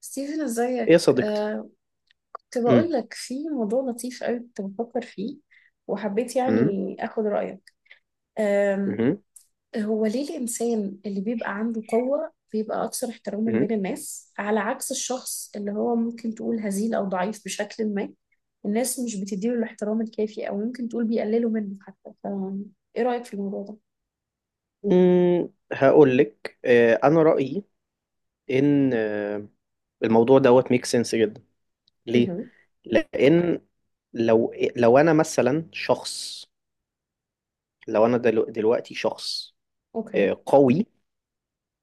ستيفن ايه يا ازيك صديقتي. كنت بقول مم. لك في موضوع لطيف قوي كنت بفكر فيه وحبيت مم. يعني اخد رأيك. آم، مم. هو ليه الإنسان اللي بيبقى عنده قوة بيبقى أكثر احتراما بين مم. الناس على عكس الشخص اللي هو ممكن تقول هزيل أو ضعيف بشكل ما؟ الناس مش بتديله الاحترام الكافي أو ممكن تقول بيقللوا منه حتى إيه رأيك في الموضوع ده؟ مم. هقول لك، انا رأيي ان الموضوع دوت ميك سنس جدا. ليه؟ اها. لان لو انا مثلا شخص. لو انا دلوقتي شخص أوكي. قوي.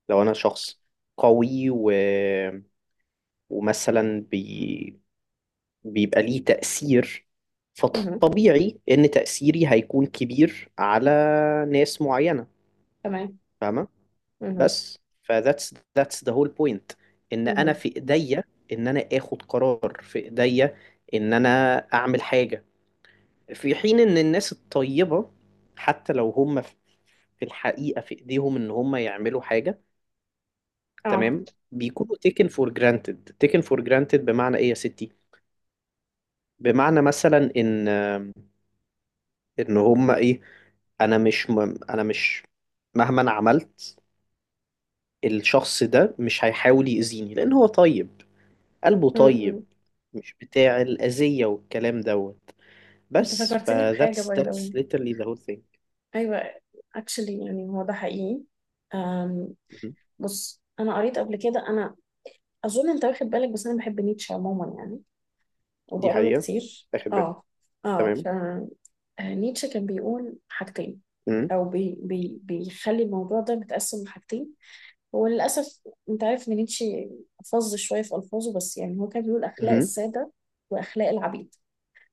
لو انا شخص قوي ومثلا بيبقى ليه تأثير. اها. فطبيعي ان تأثيري هيكون كبير على ناس معينة. تمام. فاهمة؟ اها. بس، فذاتس ذا هول بوينت، ان انا اها. في ايديا، ان انا اخد قرار في ايديا، ان انا اعمل حاجه. في حين ان الناس الطيبه، حتى لو هم في الحقيقه في ايديهم ان هم يعملوا حاجه، اه. تمام، بيكونوا taken for granted. Taken for granted بمعنى ايه يا ستي؟ بمعنى مثلا ان ان هم ايه، انا مش م... انا مش، مهما انا عملت، الشخص ده مش هيحاول يأذيني لان هو طيب، قلبه م- طيب، م. مش بتاع الأذية والكلام دوت. أنت بس فكرتني بحاجة that's باي ذا واي. literally the whole thing. ايوه. اكشلي يعني هو ده حقيقي. أم مهم. بص انا قريت قبل كده. انا اظن انت واخد بالك، بس انا بحب نيتشه عموما يعني دي وبقرا له حقيقة. كتير. آخد بالي. اه. اه. تمام. فنيتشه كان بيقول حاجتين، مهم. او بي بي بيخلي الموضوع ده متقسم لحاجتين. هو للاسف، انت عارف ان نيتشه فظ شويه في الفاظه، بس يعني هو كان بيقول اخلاق مهم. الساده واخلاق العبيد،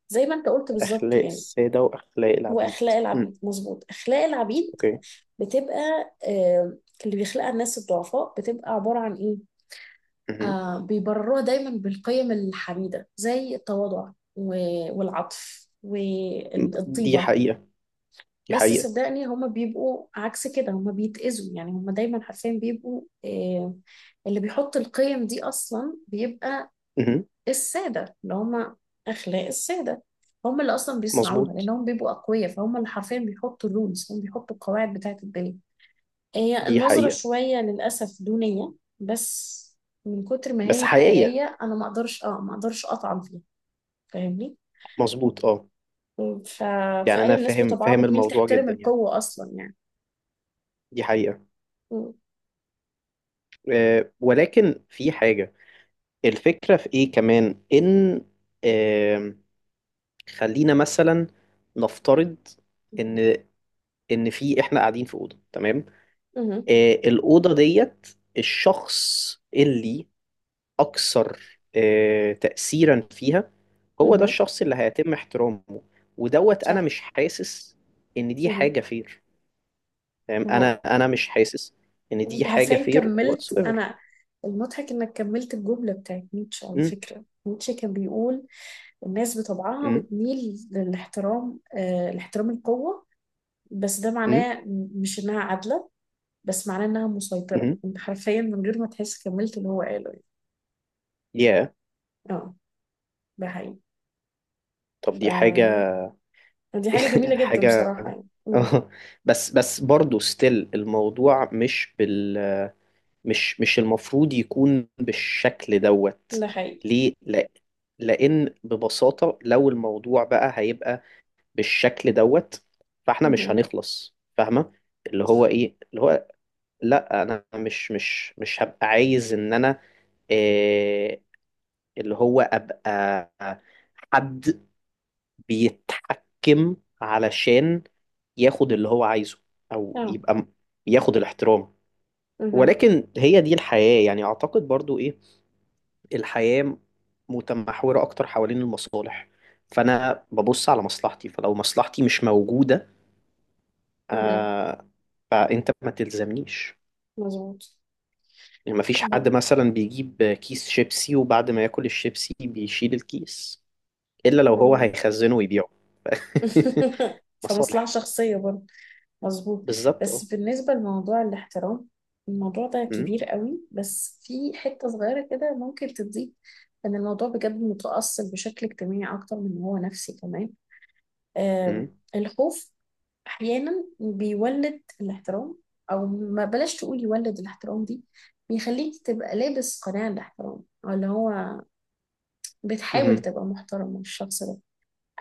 زي ما انت قلت بالظبط أخلاق يعني. السادة وأخلاق العبيد. واخلاق مم. العبيد. مظبوط. اخلاق العبيد أوكي. بتبقى، آه، اللي بيخلقها الناس الضعفاء بتبقى عبارة عن إيه؟ مهم. بيبرروها دايما بالقيم الحميدة زي التواضع والعطف دي والطيبة. حقيقة. دي بس حقيقة. صدقني هما بيبقوا عكس كده، هما بيتأذوا يعني، هما دايما حرفيا بيبقوا. اللي بيحط القيم دي أصلا بيبقى مهم. السادة، اللي هما أخلاق السادة هم اللي اصلا بيصنعوها مظبوط. لانهم بيبقوا اقوياء، فهم اللي حرفيا بيحطوا الرولز، هم بيحطوا القواعد بتاعه الدنيا. هي دي النظرة حقيقة. شوية للأسف دونية، بس من كتر ما بس هي حقيقية. حقيقية أنا ما أقدرش ما أقدرش أطعن فيها. فاهمني؟ مظبوط أه. ف... يعني فقال أنا الناس فاهم بطبعها فاهم بتميل الموضوع تحترم جدا يعني. القوة أصلا يعني. دي حقيقة. م- أه، ولكن في حاجة. الفكرة في إيه كمان؟ إن خلينا مثلا نفترض ان في احنا قاعدين في اوضه، تمام، مه. الاوضه ديت، الشخص اللي اكثر تاثيرا فيها، هو ده مه. الشخص اللي هيتم احترامه. ودوت، انا صح. مش حاسس ان دي مه. حاجه فير، تمام، ما انا هو. انا مش حاسس ان دي أنت حاجه عارفين فير كملت whatsoever. أنا. المضحك إنك كملت الجملة بتاعت نيتشه. على امم. فكرة نيتشه كان بيقول الناس بطبعها امم. بتميل للاحترام، لاحترام القوة. بس ده امم. معناه مش إنها عادلة، بس معناه انها مسيطرة. امم. انت حرفيا من غير ما تحس كملت اللي هو قاله يعني. يا، اه. ده حقيقي. طب ف... دي حاجه دي حاجة جميلة جدا حاجه بصراحة يعني. مم. بس برضه ستيل الموضوع مش المفروض يكون بالشكل دوت. ده حقيقي. ليه لا؟ لان ببساطة، لو الموضوع بقى هيبقى بالشكل دوت، فاحنا مش مهم. هنخلص، فاهمة؟ اللي هو صح. ايه اللي هو، لا انا مش هبقى عايز ان انا آه، اللي هو ابقى حد بيتحكم علشان ياخد اللي هو عايزه، او اه. يبقى ياخد الاحترام. مهم. ولكن هي دي الحياة، يعني اعتقد برضو إيه؟ الحياة متمحورة أكتر حوالين المصالح. فأنا ببص على مصلحتي، فلو مصلحتي مش موجودة، مهم. آه فأنت ما تلزمنيش. مظبوط. يعني مفيش مم. حد مثلا بيجيب كيس شيبسي وبعد ما ياكل الشيبسي بيشيل الكيس، إلا لو هو مم. هيخزنه ويبيعه. فمصلحة مصالح. شخصية برضه. مظبوط. بالظبط بس اه. بالنسبة لموضوع الاحترام، الموضوع ده أمم، كبير قوي، بس في حتة صغيرة كده ممكن تضيف. ان الموضوع بجد متأصل بشكل اجتماعي اكتر من إن هو نفسي كمان. آم، أمم، الخوف احيانا بيولد الاحترام، او ما بلاش تقول يولد الاحترام دي، بيخليك تبقى لابس قناع الاحترام او اللي هو بتحاول أمم. تبقى محترم من الشخص ده.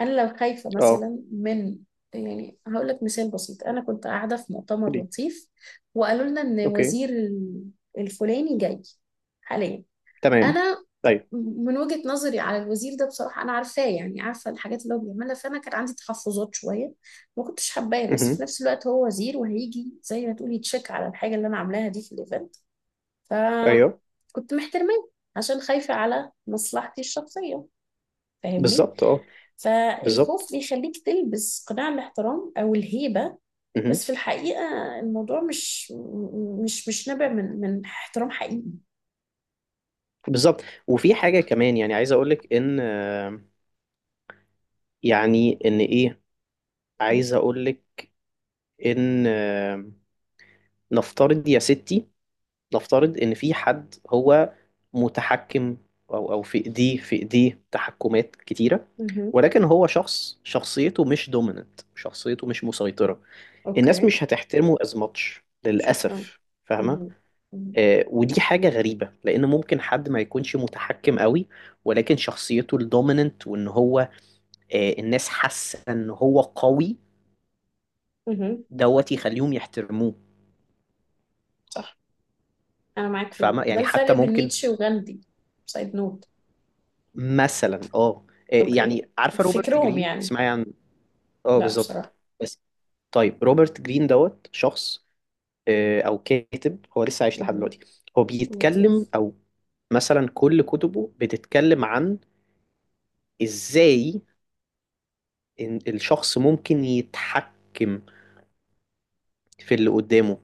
انا لو خايفه اه. مثلا من، يعني هقول لك مثال بسيط. انا كنت قاعده في مؤتمر قولي. لطيف وقالوا لنا ان اوكي. وزير الفلاني جاي حاليا. تمام. انا ايوه. من وجهة نظري على الوزير ده بصراحة أنا عارفاه يعني، عارفة الحاجات اللي هو بيعملها، فأنا كان عندي تحفظات شوية. ما كنتش حباه، بس في أمم، نفس الوقت هو وزير وهيجي زي ما تقولي يتشيك على الحاجة اللي أنا عاملاها دي في الإيفنت. ايوه. فكنت محترماه عشان خايفة على مصلحتي الشخصية، فاهمني. بالظبط اه. فالخوف بالظبط. بيخليك تلبس قناع الاحترام أو الهيبة، بس في الحقيقة الموضوع مش نابع من احترام حقيقي. بالظبط، وفي حاجة كمان. يعني عايز أقولك إن يعني إن إيه، عايز أقولك إن نفترض يا ستي، نفترض إن في حد هو متحكم، أو أو في إيديه تحكمات كتيرة، مهم. ولكن هو شخص شخصيته مش دوميننت، شخصيته مش مسيطرة. الناس اوكي. مش هتحترمه از ماتش شكرا. للأسف، فاهمة؟ مهم. مهم. ودي حاجة غريبة لأن ممكن حد ما يكونش متحكم قوي، ولكن شخصيته الدوميننت وإن هو الناس حاسه ان هو قوي، مهم. دوت يخليهم يحترموه. صح. انا معاك في دي. فاهمه؟ ده يعني حتى الفرق بين ممكن نيتشه وغاندي، سايد نوت. مثلا اوكي. يعني عارفه روبرت فكرهم جرين؟ يعني. تسمعي عن، اه لا بالظبط. بصراحة. بس طيب، روبرت جرين دوت شخص او كاتب. هو لسه عايش لحد مهم. دلوقتي. هو بيتكلم لطيف. او مثلا كل كتبه بتتكلم عن ازاي إن الشخص ممكن يتحكم في اللي قدامه.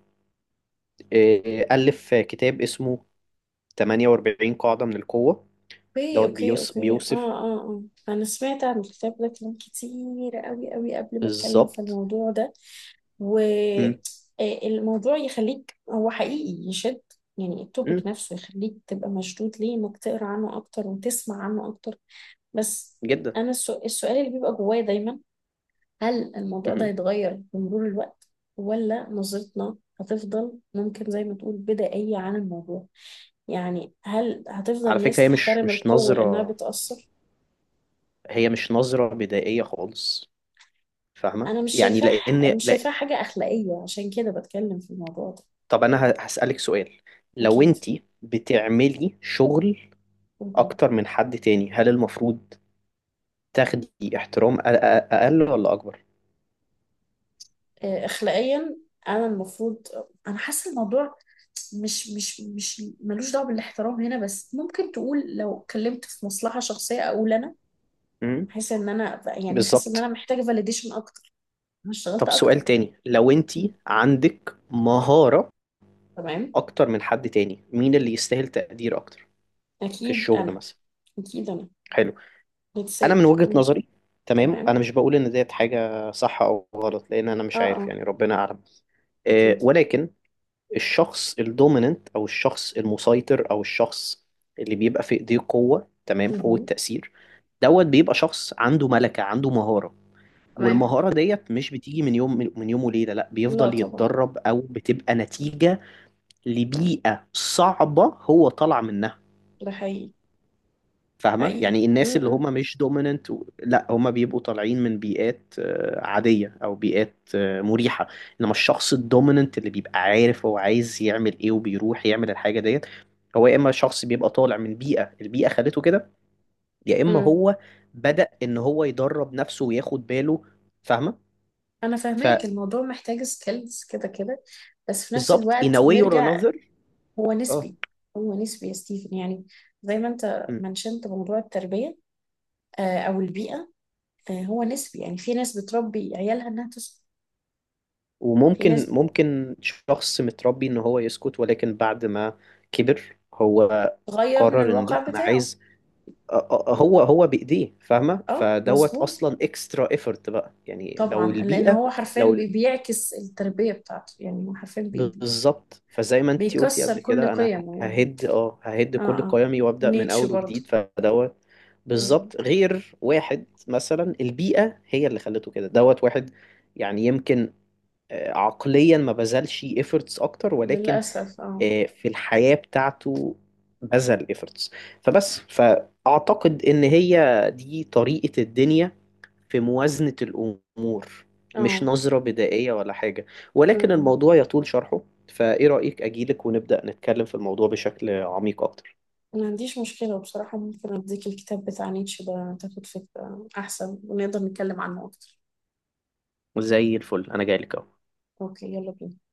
ألف كتاب اسمه 48 قاعدة من القوة. اوكي. دوت اوكي. بيوس اوكي. اه. بيوصف. اه. اه. انا سمعت عن الكتاب ده كلام كتير قوي قوي قبل ما اتكلم في بالظبط. الموضوع ده. امم. والموضوع يخليك، هو حقيقي يشد، يعني التوبيك امم نفسه يخليك تبقى مشدود ليه انك تقرا عنه اكتر وتسمع عنه اكتر. بس جدا. انا السؤال اللي بيبقى جوايا دايما، هل الموضوع ده امم. هيتغير بمرور الوقت، ولا نظرتنا هتفضل ممكن زي ما تقول بدائية عن الموضوع، يعني هل هتفضل على الناس فكرة هي مش تحترم مش القوة لأنها نظرة. بتأثر؟ هي مش نظرة بدائية خالص، فاهمة؟ أنا مش يعني شايفاه. لأن مش لا، شايفاه حاجة أخلاقية عشان كده بتكلم في الموضوع ده. طب أنا هسألك سؤال. لو أكيد. أنت بتعملي شغل مهم. أكتر من حد تاني، هل المفروض تاخدي احترام أقل ولا أكبر؟ أخلاقيا أنا المفروض، أنا حاسة الموضوع مش مش مش ملوش دعوة بالاحترام هنا، بس ممكن تقول لو اتكلمت في مصلحة شخصية أقول أنا امم. احس ان انا بالظبط. محتاجه فاليديشن اكتر. انا اشتغلت طب سؤال اكتر. تاني، لو أنت مم. عندك مهارة تمام. أكتر من حد تاني، مين اللي يستاهل تقدير أكتر في اكيد الشغل انا. مثلا؟ اكيد انا. حلو. انا من بتسيد. وجهة مم. نظري، تمام، انا تمام. مش بقول ان ديت حاجة صح او غلط، لان انا اه. مش عارف، اه. يعني ربنا اعلم. اكيد. ولكن الشخص الدوميننت، او الشخص المسيطر، او الشخص اللي بيبقى في ايديه قوة، تمام، قوة مهم. تأثير، دوت بيبقى شخص عنده ملكة، عنده مهارة. تمام. والمهارة ديت مش بتيجي من يوم وليلة. لا لا بيفضل طبعا. يتدرب، او بتبقى نتيجة لبيئة صعبة هو طلع منها، ده حقيقي. فاهمة؟ حقيقي. يعني الناس اللي مم. هم مش دوميننت لا، هم بيبقوا طالعين من بيئات عادية، أو بيئات مريحة. إنما الشخص الدوميننت اللي بيبقى عارف هو عايز يعمل إيه وبيروح يعمل الحاجة ديت، هو يا إما شخص بيبقى طالع من بيئة، البيئة خلته كده، يا إما مم. هو بدأ إن هو يدرب نفسه وياخد باله، فاهمة؟ انا فاهماك، الموضوع محتاج سكيلز كده كده. بس في نفس فبالظبط in الوقت a way or نرجع، another. هو اه. نسبي. هو نسبي يا ستيفن يعني، زي ما انت إمم. منشنت موضوع التربية، او البيئة، هو نسبي يعني. في ناس بتربي عيالها انها تسكت. في وممكن ناس شخص متربي ان هو يسكت، ولكن بعد ما كبر هو بتغير من قرر ان الواقع لا، انا بتاعه. عايز هو هو بايديه، فاهمه؟ اه فدوت مظبوط. اصلا اكسترا ايفورت بقى، يعني لو طبعا لان البيئه، هو حرفيا لو ال- بيعكس التربيه بتاعته يعني، هو حرفيا بالظبط. فزي ما انتي قلتي بيكسر قبل كل كده، انا قيمه يعني. ههد اه. كل اه. قيمي وابدا من نيتشه اول برضه. وجديد، فدوت بالظبط. مظبوط. غير واحد مثلا البيئة هي اللي خلته كده، دوت واحد يعني يمكن عقليا ما بذلش efforts اكتر، ولكن للاسف اه. في الحياة بتاعته بذل efforts. فبس فأعتقد إن هي دي طريقة الدنيا في موازنة الأمور. مش اه. نظرة بدائية ولا حاجة، ولكن م. الموضوع يطول شرحه. فإيه رأيك أجيلك ونبدأ نتكلم في الموضوع بشكل عميق أكتر؟ ما عنديش مشكله بصراحه، ممكن اديك الكتاب بتاع نيتشه ده تاخد فكره احسن ونقدر نتكلم عنه اكتر. زي الفل، أنا جايلك أهو. اوكي يلا بينا.